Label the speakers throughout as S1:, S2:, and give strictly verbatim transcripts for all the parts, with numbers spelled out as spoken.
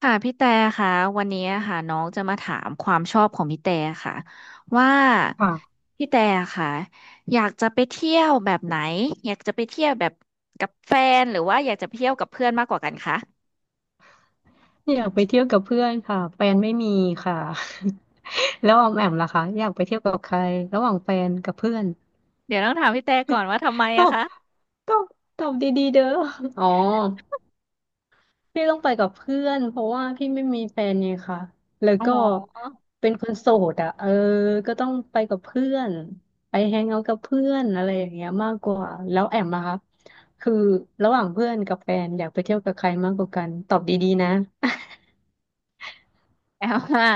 S1: ค่ะพี่แต่ค่ะวันนี้ค่ะน้องจะมาถามความชอบของพี่แต่ค่ะว่า
S2: ค่ะ
S1: พี่แต่ค่ะอยากจะไปเที่ยวแบบไหนอยากจะไปเที่ยวแบบกับแฟนหรือว่าอยากจะไปเที่ยวกับเพื่อนมากกว่ากันคะ
S2: อยากไปเที่ยวกับเพื่อนค่ะแฟนไม่มีค่ะ แล้วออมแอมล่ะคะอยากไปเที่ยวกับใครระหว่างแฟนกับเพื่อน
S1: เดี๋ยวต้องถามพี่แต่ก่อนว่าทำไม
S2: ตอ
S1: อะ
S2: บ
S1: คะ
S2: ตอบตอบดีๆเด้ออ๋อพี่ต้องไปกับเพื่อนเพราะว่าพี่ไม่มีแฟนไงค่ะแล้ว
S1: อ๋
S2: ก็
S1: อ
S2: เป็นคนโสดอ่ะเออก็ต้องไปกับเพื่อนไปแฮงเอาท์กับเพื่อนอะไรอย่างเงี้ยมากกว่าแล้วแอมล่ะคะคือระหว่างเพื่อนกับแฟนอยากไปเที่ยวกับใครมากกว่ากันตอบดีๆนะ
S1: แอมว่า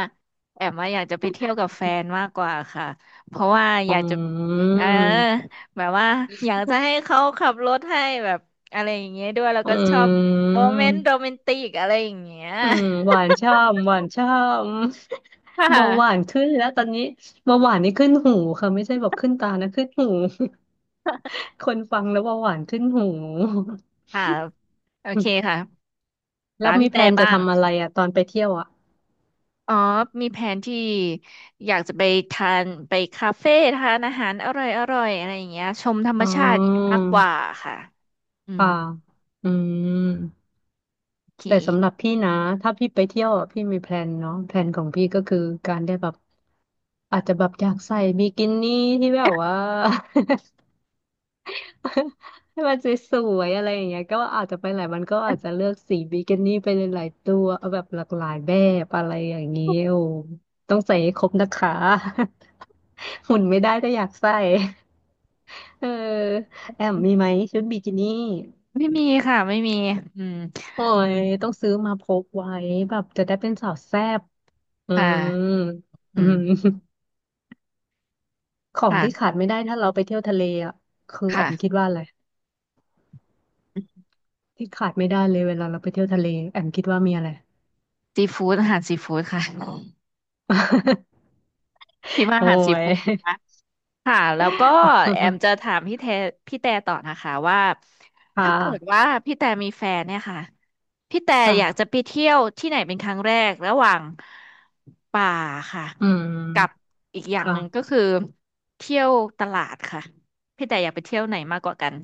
S1: แอมว่าอยากจะไปเที่ยวกับแฟนมากกว่าค่ะ เพราะว่า
S2: อ
S1: อยากจะ
S2: ื
S1: เออ
S2: ม
S1: แบบว่าอยากจะให้เขาขับรถให้แบบอะไรอย่างเงี้ยด้วยแล้ว
S2: อ
S1: ก็ชอบ
S2: ื
S1: โมเมนต์
S2: ม
S1: โรแมนติกอะไรอย่างเงี้ย
S2: อืมหวา นช่ำหวานช่ำ
S1: ค่
S2: เบาหวาน
S1: ะ
S2: ขึ้นแล้วตอนนี้เบาหวานนี่ขึ้นหูค่ะไม่ใช่แบบขึ้นตานะขึ้นหู คนฟังแล้วเบาหวานขึ้นหู
S1: ค่ะโอเคค่ะ
S2: แล้
S1: ตา
S2: ว
S1: ม
S2: มี
S1: พี่
S2: แพล
S1: แต่
S2: นจะ
S1: บ้าง
S2: ทำอะไรอ่ะตอนไปเที่ยวอ่ะ
S1: อ๋อมีแผนที่อยากจะไปทานไปคาเฟ่ทานอาหารอร่อยอร่อยอะไรอย่างเงี้ยชมธรรม
S2: อ๋อ
S1: ชาติมากกว่าค่ะอืม
S2: ค่ะอืม
S1: โอเค
S2: แต่สำหรับพี่นะถ้าพี่ไปเที่ยวอะพี่มีแพลนเนาะแพลนของพี่ก็คือการได้แบบอาจจะแบบอยากใส่บิกินี่ที่แบบว่า ให้มันสวยๆอะไรอย่างเงี้ยก็อาจจะไปไหนมันก็อาจจะเลือกสีบิกินี่ไปหลายๆตัวเอาแบบหลากหลายแบบอะไรอย่างเงี้ยโอ้ต้องใส่ให้ครบนะคะ หุ่นไม่ได้แต่อยากใส่ เออแอมมีไหมชุดบิกินี่
S1: ไม่มีค่ะไม่มีอืม
S2: โอ้ยต้องซื้อมาพกไว้แบบจะได้เป็นสาวแซ่บอื
S1: ค่ะ
S2: ม
S1: อื
S2: อืม
S1: ม
S2: ของที่
S1: ค่ะ
S2: ขาดไม่ได้ถ้าเราไปเที่ยวทะเลอ่ะคือแอมคิด
S1: ค่ะ
S2: ว่าอะไรที่ขาดไม่ได้เลยเวลาเราไปเที่ยวทะเลแอมคิดว่ามีอะไร
S1: ซีฟู้ดอาหารซีฟู้ดค่ะ คิดว่า
S2: โอ้
S1: อาหารซี
S2: ย
S1: ฟู้ดนะค่ะ แล้วก็แอม จะถามพี่แทพี่แต่ต่อนะคะว่า
S2: ค่ะ
S1: ถ้าเกิดว่าพี่แต่มีแฟนเนี่ยค่ะ พี่แต่อยากจะ
S2: ค่ะ
S1: ไปเที่ยวที่ไหนเป็นครั้งแรก ระหว่างป่าค่ะ
S2: อื
S1: กับ
S2: ม
S1: อีกอย่างหนึ่งก็
S2: ค่ะ
S1: คือเที่ยวตลาดค่ะ พี่แต่อยากไปเที่ยวไหนมากกว่ากัน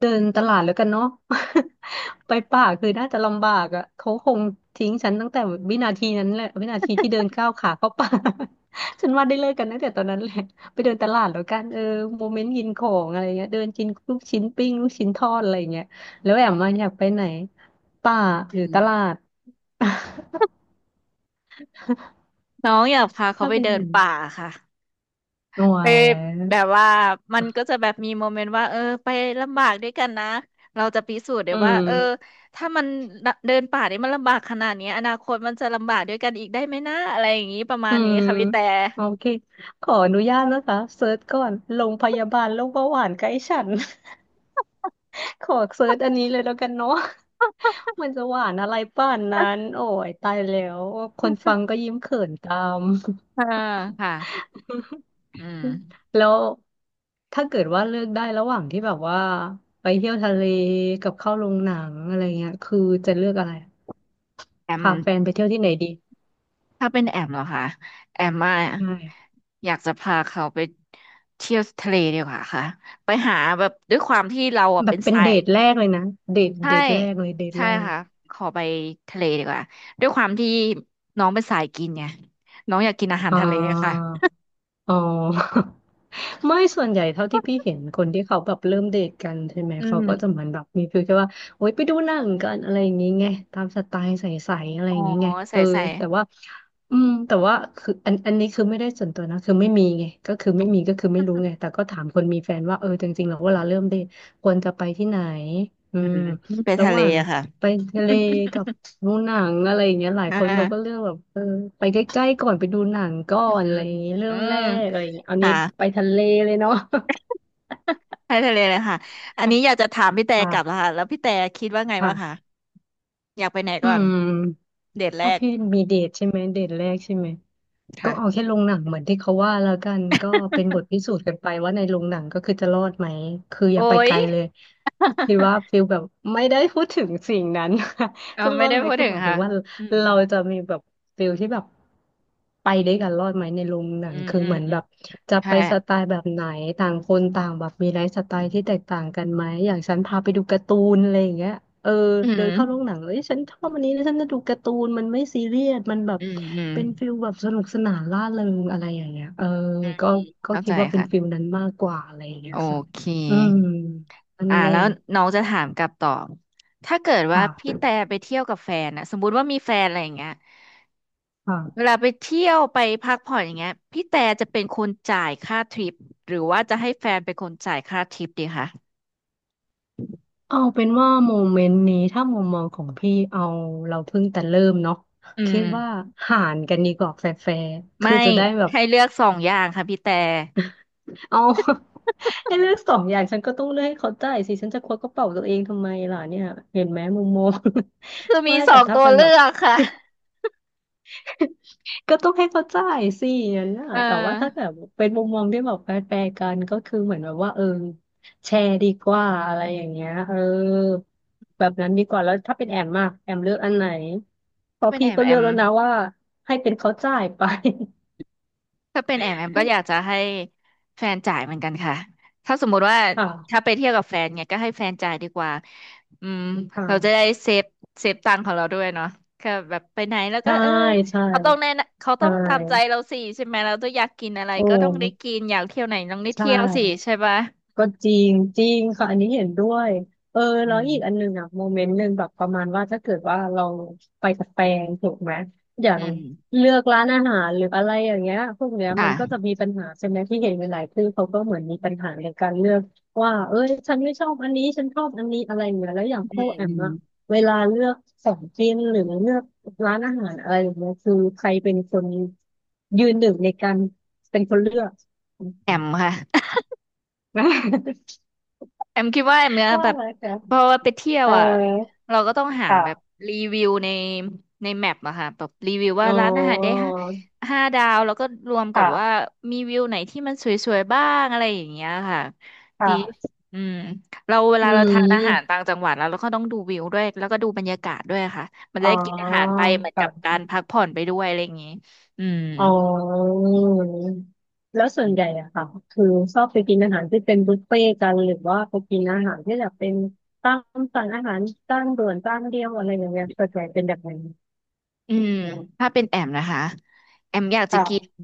S2: เดินตลาดแล้วกันเนาะ ไปป่าคือน่าจะลำบากอ่ะเขาคงทิ้งฉันตั้งแต่วินาทีนั้นแหละวินาทีที่เดินก้าวขาเข้าป่า ฉันว่าได้เลิกกันตั้งแต่ตอนนั้นแหละไปเดินตลาดแล้วกันเออโมเมนต์กินของอะไรเงี้ยเดินกินลูกชิ้นปิ้งลูกชิ้นทอดอะไรเงี้ยแล้วแอมมาอยากไปไหนป่าห
S1: อื
S2: รือ
S1: ม
S2: ตลาด
S1: น้องอยากพาเขา
S2: ถ้า
S1: ไป
S2: เป็นอ
S1: เดิ
S2: ย่าง
S1: น
S2: นั้น
S1: ป่าค่ะ
S2: โอ้
S1: ไป
S2: ย
S1: แบบว่ามันก็จะแบบมีโมเมนต์ว่าเออไปลำบากด้วยกันนะเราจะพิสูจน์เดี๋ย
S2: อื
S1: วว่าเออ
S2: ม
S1: ถ้ามันเดินป่าเนี่ยมันลำบากขนาดนี้อนาคตมันจะลำบากด้วยกันอีกได้ไหมนะอะไรอย่างนี้ประมา
S2: อื
S1: ณนี้
S2: ม
S1: ค่ะพี่แต่
S2: โอเคขออนุญาตนะคะเซิร์ชก่อนโรงพยาบาลโรคเบาหวานใกล้ฉัน ขอเซิร์ชอันนี้เลยแล้วกันเนาะ มันจะหวานอะไรป่านนั้นโอ้ยตายแล้ว คนฟังก็ยิ้มเขินตาม
S1: อ่าค่ะอืม
S2: แล้วถ้าเกิดว่าเลือกได้ระหว่างที่แบบว่าไปเที่ยวทะเลกับเข้าโรงหนังอะไรเงี้ยคือจะเลือกอะไร
S1: แอม
S2: พาแฟนไปเที่ยวที่ไหนดี
S1: ถ้าเป็นแอมเหรอคะแอมมา
S2: ใช่
S1: อยากจะพาเขาไปเที่ยวทะเลดีกว่าค่ะไปหาแบบด้วยความที่เราอ่ะ
S2: แบ
S1: เป็
S2: บ
S1: น
S2: เป็น
S1: สา
S2: เด
S1: ย
S2: ทแรกเลยนะเดท
S1: ใช่
S2: เดทแรกเลยเดท
S1: ใช่
S2: แรก
S1: ค่ะขอไปทะเลดีกว่าด้วยความที่น้องเป็นสายกินไงน้องอยากกินอาหาร
S2: อ่า
S1: ทะเลค่ะ
S2: อ๋อ ไม่ส่วนใหญ่เท่าที่พี่เห็นคนที่เขาแบบเริ่มเดทกันใช่ไหม
S1: อื
S2: เขาก็จะ
S1: ม
S2: เหมือนแบบมีฟีลแค่ว่าโอ๊ยไปดูหนังกันอะไรอย่างงี้ไงตามสไตล์ใสๆอะไร
S1: อ๋
S2: อ
S1: อ
S2: ย่างงี้ไงเอ
S1: ใส่
S2: อ
S1: ใส่
S2: แต่ว่าอืมแต่ว่าคืออันอันนี้คือไม่ได้ส่วนตัวนะคือไม่มีไงก็คือไม่มีก็คือไม่รู้ไงแต่ก็ถามคนมีแฟนว่าเออจริงๆแล้วเวลาเริ่มเดทควรจะไปที่ไหนอื
S1: อื
S2: ม
S1: มไป
S2: ระ
S1: ทะ
S2: ห
S1: เล
S2: ว่าง
S1: อะค่ะ
S2: ไปทะเลกับดูหนังอะไรอย่างเงี้ยหลาย
S1: อ่
S2: คนเขาก็เลือ
S1: า
S2: กแบบเออไปใกล้ๆก่อนไปดูหนังก่อ
S1: อืม
S2: นอะไรอย่างเงี้ยเริ่
S1: อื
S2: มแร
S1: ม
S2: กอะไรอย่างเงี้ยเอานี้
S1: ค่ะ
S2: ไปทะเลเลยเนาะ
S1: ไปทะเลเลยค่ะอันนี้อ ยากจะถามพี่แต่กลับแล้ว
S2: ค่ะ
S1: ค่ะแล้วพี่แต่คิดว่าไงบ้างคะ
S2: ค่ะ
S1: อยากไปไหน
S2: อื
S1: ก่อน
S2: ม
S1: เดทแร
S2: ถ้า
S1: ก
S2: พี่มีเดทใช่ไหมเดทแรกใช่ไหมก็
S1: ค่ะ
S2: เอาแค่โรงหนังเหมือนที่เขาว่าแล้วกันก็เป็นบทพิสูจน์กันไปว่าในโรงหนังก็คือจะรอดไหมคืออ
S1: โอ้
S2: ย่าไปไก
S1: ย
S2: ลเลย คือว่าฟิลแบบไม่ได้พูดถึงสิ่งนั้น
S1: เอา
S2: จะร
S1: ไม่
S2: อด
S1: ได้
S2: ไหม
S1: พูด
S2: คือ
S1: ถึง
S2: หมายถึ
S1: ค่ะ
S2: งว่า
S1: อืม
S2: เราจะมีแบบฟิลที่แบบไปด้วยกันรอดไหมในโรงหนั
S1: อื
S2: ง
S1: ม
S2: คือ
S1: อืม
S2: เหมือน
S1: อื
S2: แบ
S1: ม
S2: บจะ
S1: ใช่
S2: ไปสไตล์แบบไหนต่างคนต่างแบบมีไลฟ์สไตล์ที่แตกต่างกันไหมอย่างฉันพาไปดูการ์ตูนอะไรอย่างเงี้ยเออ
S1: อื
S2: เดิ
S1: ม
S2: นเข้าโรงหนังเอ้ยฉันชอบอันนี้แล้วฉันจะดูการ์ตูนมันไม่ซีเรียสมันแบบ
S1: อืมอืม
S2: เป็นฟิลแบบสนุกสนานร่าเริงอะไรอย่างเงี้ยเออ
S1: อืม
S2: ก็ก็
S1: เข้า
S2: คิ
S1: ใจ
S2: ดว่าเป็น
S1: ค่ะ
S2: ฟิลนั้นมากกว่าอะไรอย่างเงี้
S1: โอ
S2: ยค่ะ
S1: เค
S2: อืมอัน
S1: อ่า
S2: แร
S1: แล้ว
S2: ก
S1: น้องจะถามกลับต่อถ้าเกิดว่า
S2: ค่
S1: พี่
S2: ะ
S1: แต่ไปเที่ยวกับแฟนนะสมมุติว่ามีแฟนอะไรอย่างเงี้ยเวลา
S2: ค่ะ
S1: ไปเที่ยวไปพักผ่อนอย่างเงี้ยพี่แต่จะเป็นคนจ่ายค่าทริปหรือว่าจะให้แฟนเป็นคนจ่ายค่าทริปดีคะ
S2: เอาเป็นว่าโมเมนต์นี้ถ้ามุมมองของพี่เอาเราเพิ่งแต่เริ่มเนาะ
S1: อื
S2: คิ
S1: ม
S2: ดว่าหารกันดีกว่าแฟร์ๆ
S1: ไม่
S2: คือจะได้แบบ
S1: ให้เลือกสองอย่างค่ะพี่แต่
S2: เอา ให้เลือกสองอย่างฉันก็ต้องเลือกให้เขาจ่ายสิฉันจะควักกระเป๋าตัวเองทำไมล่ะเนี่ยเห็นไหมมุมมอง
S1: คือ
S2: ไม่
S1: มีส
S2: แต่
S1: อง
S2: ถ้า
S1: ตัว
S2: เป็นแบ
S1: เลื
S2: บ
S1: อกค่ะ
S2: ก็ต้องให้เขาจ่ายสิอย่างนั้นน่ะ
S1: เ
S2: แต่ว่าถ้าแบ
S1: ออ
S2: บเป็นมุมมองที่แบบแฟร์ๆกันก็คือเหมือนแบบว่าเออแชร์ดีกว่าอะไรอย่างเงี้ยเออแบบนั้นดีกว่า แล้วถ้าเป็นแอมมากแอมเลือกอันไหนเพ
S1: ถ้า
S2: ราะ
S1: เป็น
S2: พี่
S1: แอม
S2: ก็
S1: แอ
S2: เลือก
S1: ม
S2: แล้วนะว่าให้เป็นเขาจ่ายไป
S1: ถ้าเป็นแอมแอมก็อยากจะให้แฟนจ่ายเหมือนกันค่ะถ้าสมมุติว่า ถ้า
S2: ค่ะ
S1: ไปเที่ยวกับแฟนเนี่ยก็ให้แฟนจ่ายดีกว่าอืมเราจะได้
S2: ค่ะ
S1: เซฟเซฟตังค์ของเราด้วยเนาะค่ะแบบไปไหนแล้วก็
S2: ใช่
S1: เออ
S2: ใช่
S1: เขาต้องแน่นเขาต้
S2: ใช่
S1: องตามใจเราสิใช่ไหมเราต้องอยากกินอะไร
S2: โอ้
S1: ก็ต้องได้กินอยากเที่ยวไหนต้องได้
S2: ใช่
S1: เที่ยวสิใช่ปะ
S2: ก็จริงจริงค่ะอันนี้เห็นด้วยเออ
S1: อื
S2: แล้ว
S1: ม
S2: อีกอันหนึ่งอะโมเมนต์หนึ่งแบบประมาณว่าถ้าเกิดว่าเราไปกับแฟนถูกไหมอย่า
S1: อื
S2: ง
S1: ม
S2: เลือกร้านอาหารหรืออะไรอย่างเงี้ยพวกเนี้ยมันก็จะ
S1: ค่ะ
S2: มีปัญหาใช่ไหมที่เห็นหลายๆคู่เขาก็เหมือนมีปัญหาในการเลือกว่าเอ้ยฉันไม่ชอบอันนี้ฉันชอบอันนี้อะไรอย่างเงี้ยแล้วอย่าง
S1: อื
S2: คู่
S1: ม
S2: แอ
S1: อื
S2: ม
S1: ม
S2: อะเวลาเลือกของกินหรือเลือกร้านอาหารอะไรอย่างเงี้ยคือใครเป็นคนยืนหนึ่งในการเป็นคนเลือก
S1: แอมค่ะ แอมคิดว่าแอมเนี่ย
S2: ว่า
S1: แบ
S2: อะ
S1: บ
S2: ไหมคะ
S1: พอไปเที่ยว
S2: เออ
S1: อ่ะเราก็ต้องหาแบบ
S2: ค่ะ
S1: รีวิวในในแมปอะค่ะแบบรีวิวว่า
S2: อ๋อ
S1: ร้านอาหารได้ห้าห้าดาวแล้วก็รวมกับว่า
S2: ค่ะ
S1: มีวิวไหนที่มันสวยๆบ้างอะไรอย่างเงี้ยค่ะดี
S2: ค่ะ
S1: อืมเราเว
S2: อื
S1: ลาเราทานอาหาร
S2: ม
S1: ต่างจังหวัดแล้วเราก็ต้องดูวิวด้วยแล้วก็ดูบรรยากาศด้วยค่ะมัน
S2: อ๋
S1: จะ
S2: อ
S1: ได้กินอาหารไปเหมือน
S2: ค่
S1: กับการ
S2: ะ
S1: พักผ่อนไปด้วยอะไรอย่างงี้อืม
S2: อ๋อแล้วส่วนใหญ่อะค่ะคือชอบไปกินอาหารที่เป็นบุฟเฟ่ต์กันหรือว่าไปกินอาหารที่แบบเป็นตามสั่งอาหารจานด่วนจานเดียวอะไรอย่างเงี้ยส่วนใหญ่เป็นแบบนั้น
S1: อืมถ้าเป็นแอมนะคะแอมอยากจะกิน
S2: ค่ะ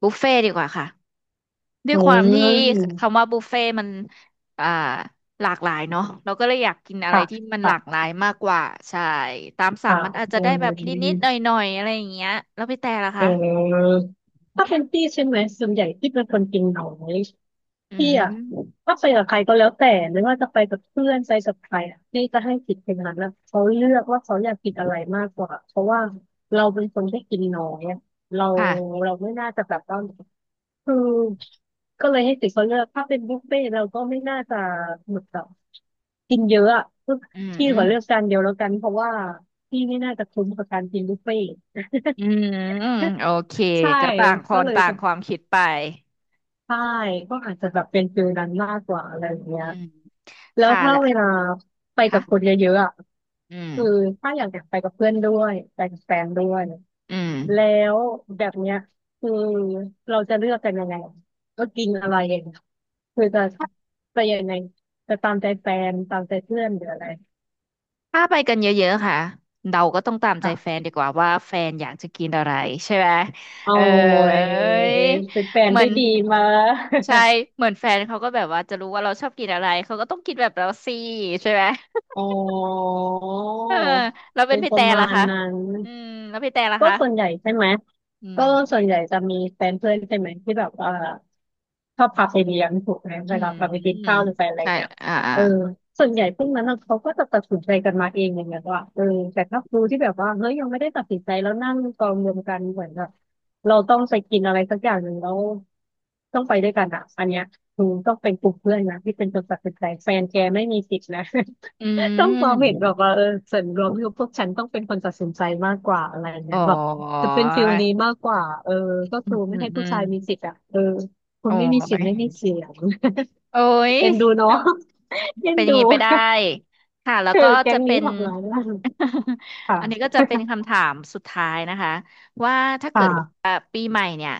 S1: บุฟเฟ่ดีกว่าค่ะ ด้ว
S2: อื
S1: ยความที่คำ
S2: ม
S1: ว่าบุฟเฟ่ต์มันอ่าหลากหลายเนาะเราก็เลยอยากกินอะไร
S2: ค่ะ
S1: ที่มันหลาก
S2: ค่ะ
S1: หลายมากกว่า ใช่ตามสั่ง
S2: ค่ะ
S1: มันอาจ
S2: เอ
S1: จะได้แบบนิ
S2: อ
S1: ดๆหน่อยๆอะไรอย่างเงี้ยแล้วพี่แต่ล่ะ
S2: เอ
S1: คะ
S2: อถ้าเป็นพี่ใช่ไหมส่วนใหญ่ที่เป็นคนกินน้อย
S1: อื
S2: พี่อะ
S1: ม
S2: ถ้าไปกับใครก็แล้วแต่ไม่ว่าจะไปกับเพื่อนไปกับใครอะพี่จะให้สิทธิ์คนนั้นอะเขาเลือกว่าเขาอยากกินอะไรมากกว่าเพราะว่าเราเป็นคนที่กินน้อยอะเรา
S1: ค่ะ
S2: เราไม่น่าจะแบบว่าคือก็เลยให้สิทธิ์เขาเลือกถ้าเป็นบุฟเฟ่ต์เราก็ไม่น่าจะหมดอนบกินเยอะอะคือ
S1: อื
S2: พี่ขอเลือก
S1: ม
S2: จานเดียวแล้วกันเพราะว่าพี่ไม่น่าจะคุ้มกับการกินบุฟเฟ่ต์
S1: อืมโอเค
S2: ใช่
S1: ก็ต่างค
S2: ก็
S1: น
S2: เลย
S1: ต่าง
S2: จะ
S1: ความคิดไป
S2: ใช่ก็อาจจะแบบเป็นฟิลนั้นมากกว่าอะไรอย่างเงี้
S1: อื
S2: ย
S1: ม
S2: แล้ว
S1: ค่ะ
S2: ถ้า
S1: ละ
S2: เวลาไปกับคน
S1: ค่ะ
S2: เยอะๆอ่ะ
S1: อืม
S2: คือถ้าอยากอยาะไปกับเพื่อนด้วยไปกับแฟนด้วย
S1: อืม
S2: แล้วแบบเนี้ยคือเราจะเลือกกันยังไงก็กินอะไรเองคือจะจะยังไงจะตามใจแฟนตามใจเพื่อนหรืออะไร
S1: ถ้าไปกันเยอะๆค่ะ เราก็ต้องตามใจ
S2: อ่
S1: แฟน
S2: ะ
S1: ดีกว่าว่าแฟนอยากจะกินอะไรใช่ไหม
S2: เอา
S1: เออ
S2: ไอ้ยเป็นแฟน
S1: เหมือ
S2: ได้
S1: น
S2: ดีมา
S1: ใช่ เหมือนแฟนเขาก็แบบว่าจะรู้ว่าเราชอบกินอะไร เขาก็ต้องกินแบบเราสิใช่ไหม
S2: อ๋อ
S1: เออเราเป็น
S2: เป็น
S1: พี่
S2: ป
S1: แต่
S2: ระ
S1: ละ
S2: มาณ
S1: คะ
S2: นั้น
S1: อืมแล้วพี่แต่ละ
S2: ก็
S1: คะ
S2: ส่วนใหญ่ใช่ไหม
S1: อื
S2: ก็
S1: ม
S2: ส่วนใหญ่จะมีแฟนเพื่อนใช่ไหมที่แบบว่า ชอบพาไปเลี้ยงถูกไหม
S1: อื
S2: เวลา
S1: ม
S2: พาไปกิ
S1: อื
S2: น
S1: ม
S2: ข้าวหรือไปอะไร
S1: ใช่
S2: เนี้ย
S1: อ่าอ่า
S2: เออส่วนใหญ่พวกนั้นน่ะเขาก็จะตัดสินใจกันมาเองอย่างเงี้ยว่าเออแต่ถ้าครูที่แบบว่าเฮ้ยยังไม่ได้ตัดสินใจแล้วนั่งกองรวมกันเหมือนแบบเราต้องไปกินอะไรสักอย่างหนึ่งแล้วต้องไปด้วยกันอ่ะอันเนี้ยครูต้องเป็นกลุ่มเพื่อนนะที่เป็นคนตัดสินใจแฟนแกไม่มีสิทธิ์นะ
S1: อื
S2: ต้องความเห็นแบบ
S1: ม
S2: ว่าเออส่วนรวมที่พวกฉันต้องเป็นคนตัดสินใจมากกว่าอะไร
S1: อ๋
S2: เงี้
S1: อ
S2: ยแบบจะเป็นฟิลนี้มากกว่าเออก็
S1: อื
S2: คื
S1: ม
S2: อ
S1: อื
S2: ไม่
S1: ม
S2: ให้
S1: อื
S2: ผู้
S1: ม
S2: ชายมีสิทธิ์อ่ะเออคุ
S1: โอ้
S2: ณไม่มีสิท
S1: ย
S2: ธิ์ไม่มีเสียง
S1: โอ้ย
S2: เอ็นดูเนาะ เอ็
S1: เป็
S2: น
S1: นอย่า
S2: ดู
S1: งนี้ไปได้ค่ะแล้ ว
S2: เออ
S1: ก็
S2: แก๊
S1: จะ
S2: ง
S1: เป็
S2: นี้
S1: น
S2: ทำร้ายร่าง ค่ะ
S1: อันนี้ก็จะเป็นคำถามสุดท้ายนะคะว่าถ้าเกิ
S2: ค่ะ
S1: ดว่าปีใหม่เนี่ย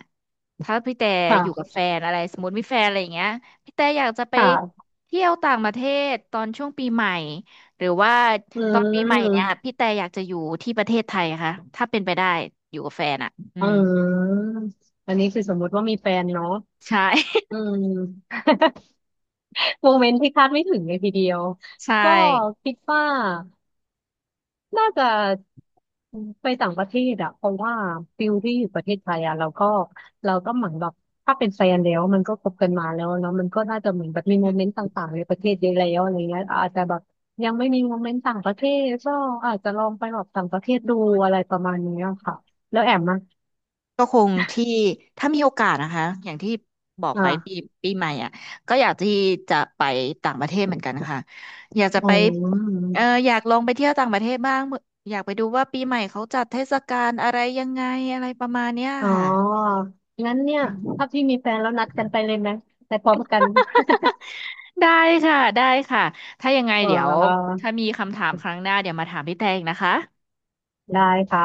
S1: ถ้าพี่แต่
S2: ค่
S1: อยู่กับแฟ
S2: ะ
S1: นอะไรสมมติมีแฟนอะไรอย่างเงี้ยพี่แต่อยากจะไป
S2: ค่ะ
S1: เที่ยวต่างประเทศตอนช่วงปีใหม่หรือว่า
S2: อื
S1: ตอนปีใหม่เนี่ย
S2: ม
S1: พี่แต่อยากจะอยู่ที่ประเทศไทยค่ะถ้าเป็นไปได้อยู่กับแฟนอ่ะอื
S2: อื
S1: ม
S2: มอันนี้คือสมมติว่ามีแฟนเนาะ
S1: ใช่
S2: อืม โมเมนต์ที่คาดไม่ถึงเลยทีเดียว
S1: ใช่
S2: ก็คิดว่า น่าจะไปต่างประเทศอะเพราะว่าฟิลที่อยู่ประเทศไทยอะเราก็เราก็เหมือนแบบถ้าเป็นแฟนแล้วมันก็คบกันมาแล้วเนาะมันก็น่าจะเหมือนแบบมี
S1: อื
S2: โมเมนต์ต่างๆในประเทศเยอะแล้วอะไรเงี้ยอาจจะแบบยังไม่มีโมเมนต์ต่างประเทศก็อาจจะลองไปแบบต่างประเทศดูอะไรประมาณนี้ค่ะแล้วแอมอะ
S1: ก็คงที่ถ้ามีโอกาสนะคะอย่างที่บอกไปปี
S2: อ่า
S1: ปีใหม่อ่ะก็อยากที่จะไปต่างประเทศเหมือนกันค่ะอยากจะ
S2: อ๋อ
S1: ไปเอออยากลองไปเที่ยวต่างประเทศบ้างอยากไปดูว่าปีใหม่เขาจัดเทศกาลอะไรยังไงอะไรประมาณเนี้ย
S2: อ๋อ
S1: ค่ะ
S2: งั้นเนี่ย
S1: อืม
S2: ถ้าพี่มีแฟนแล้วนัดกันไปเลยไหมไปพร้อมกัน
S1: ได้ค่ะได้ค่ะถ้ายังไง
S2: อ๋อ
S1: เดี๋ยวถ้ามีคำถามครั้งหน้าเดี๋ยวมาถามพี่แตงนะคะ
S2: ได้ค่ะ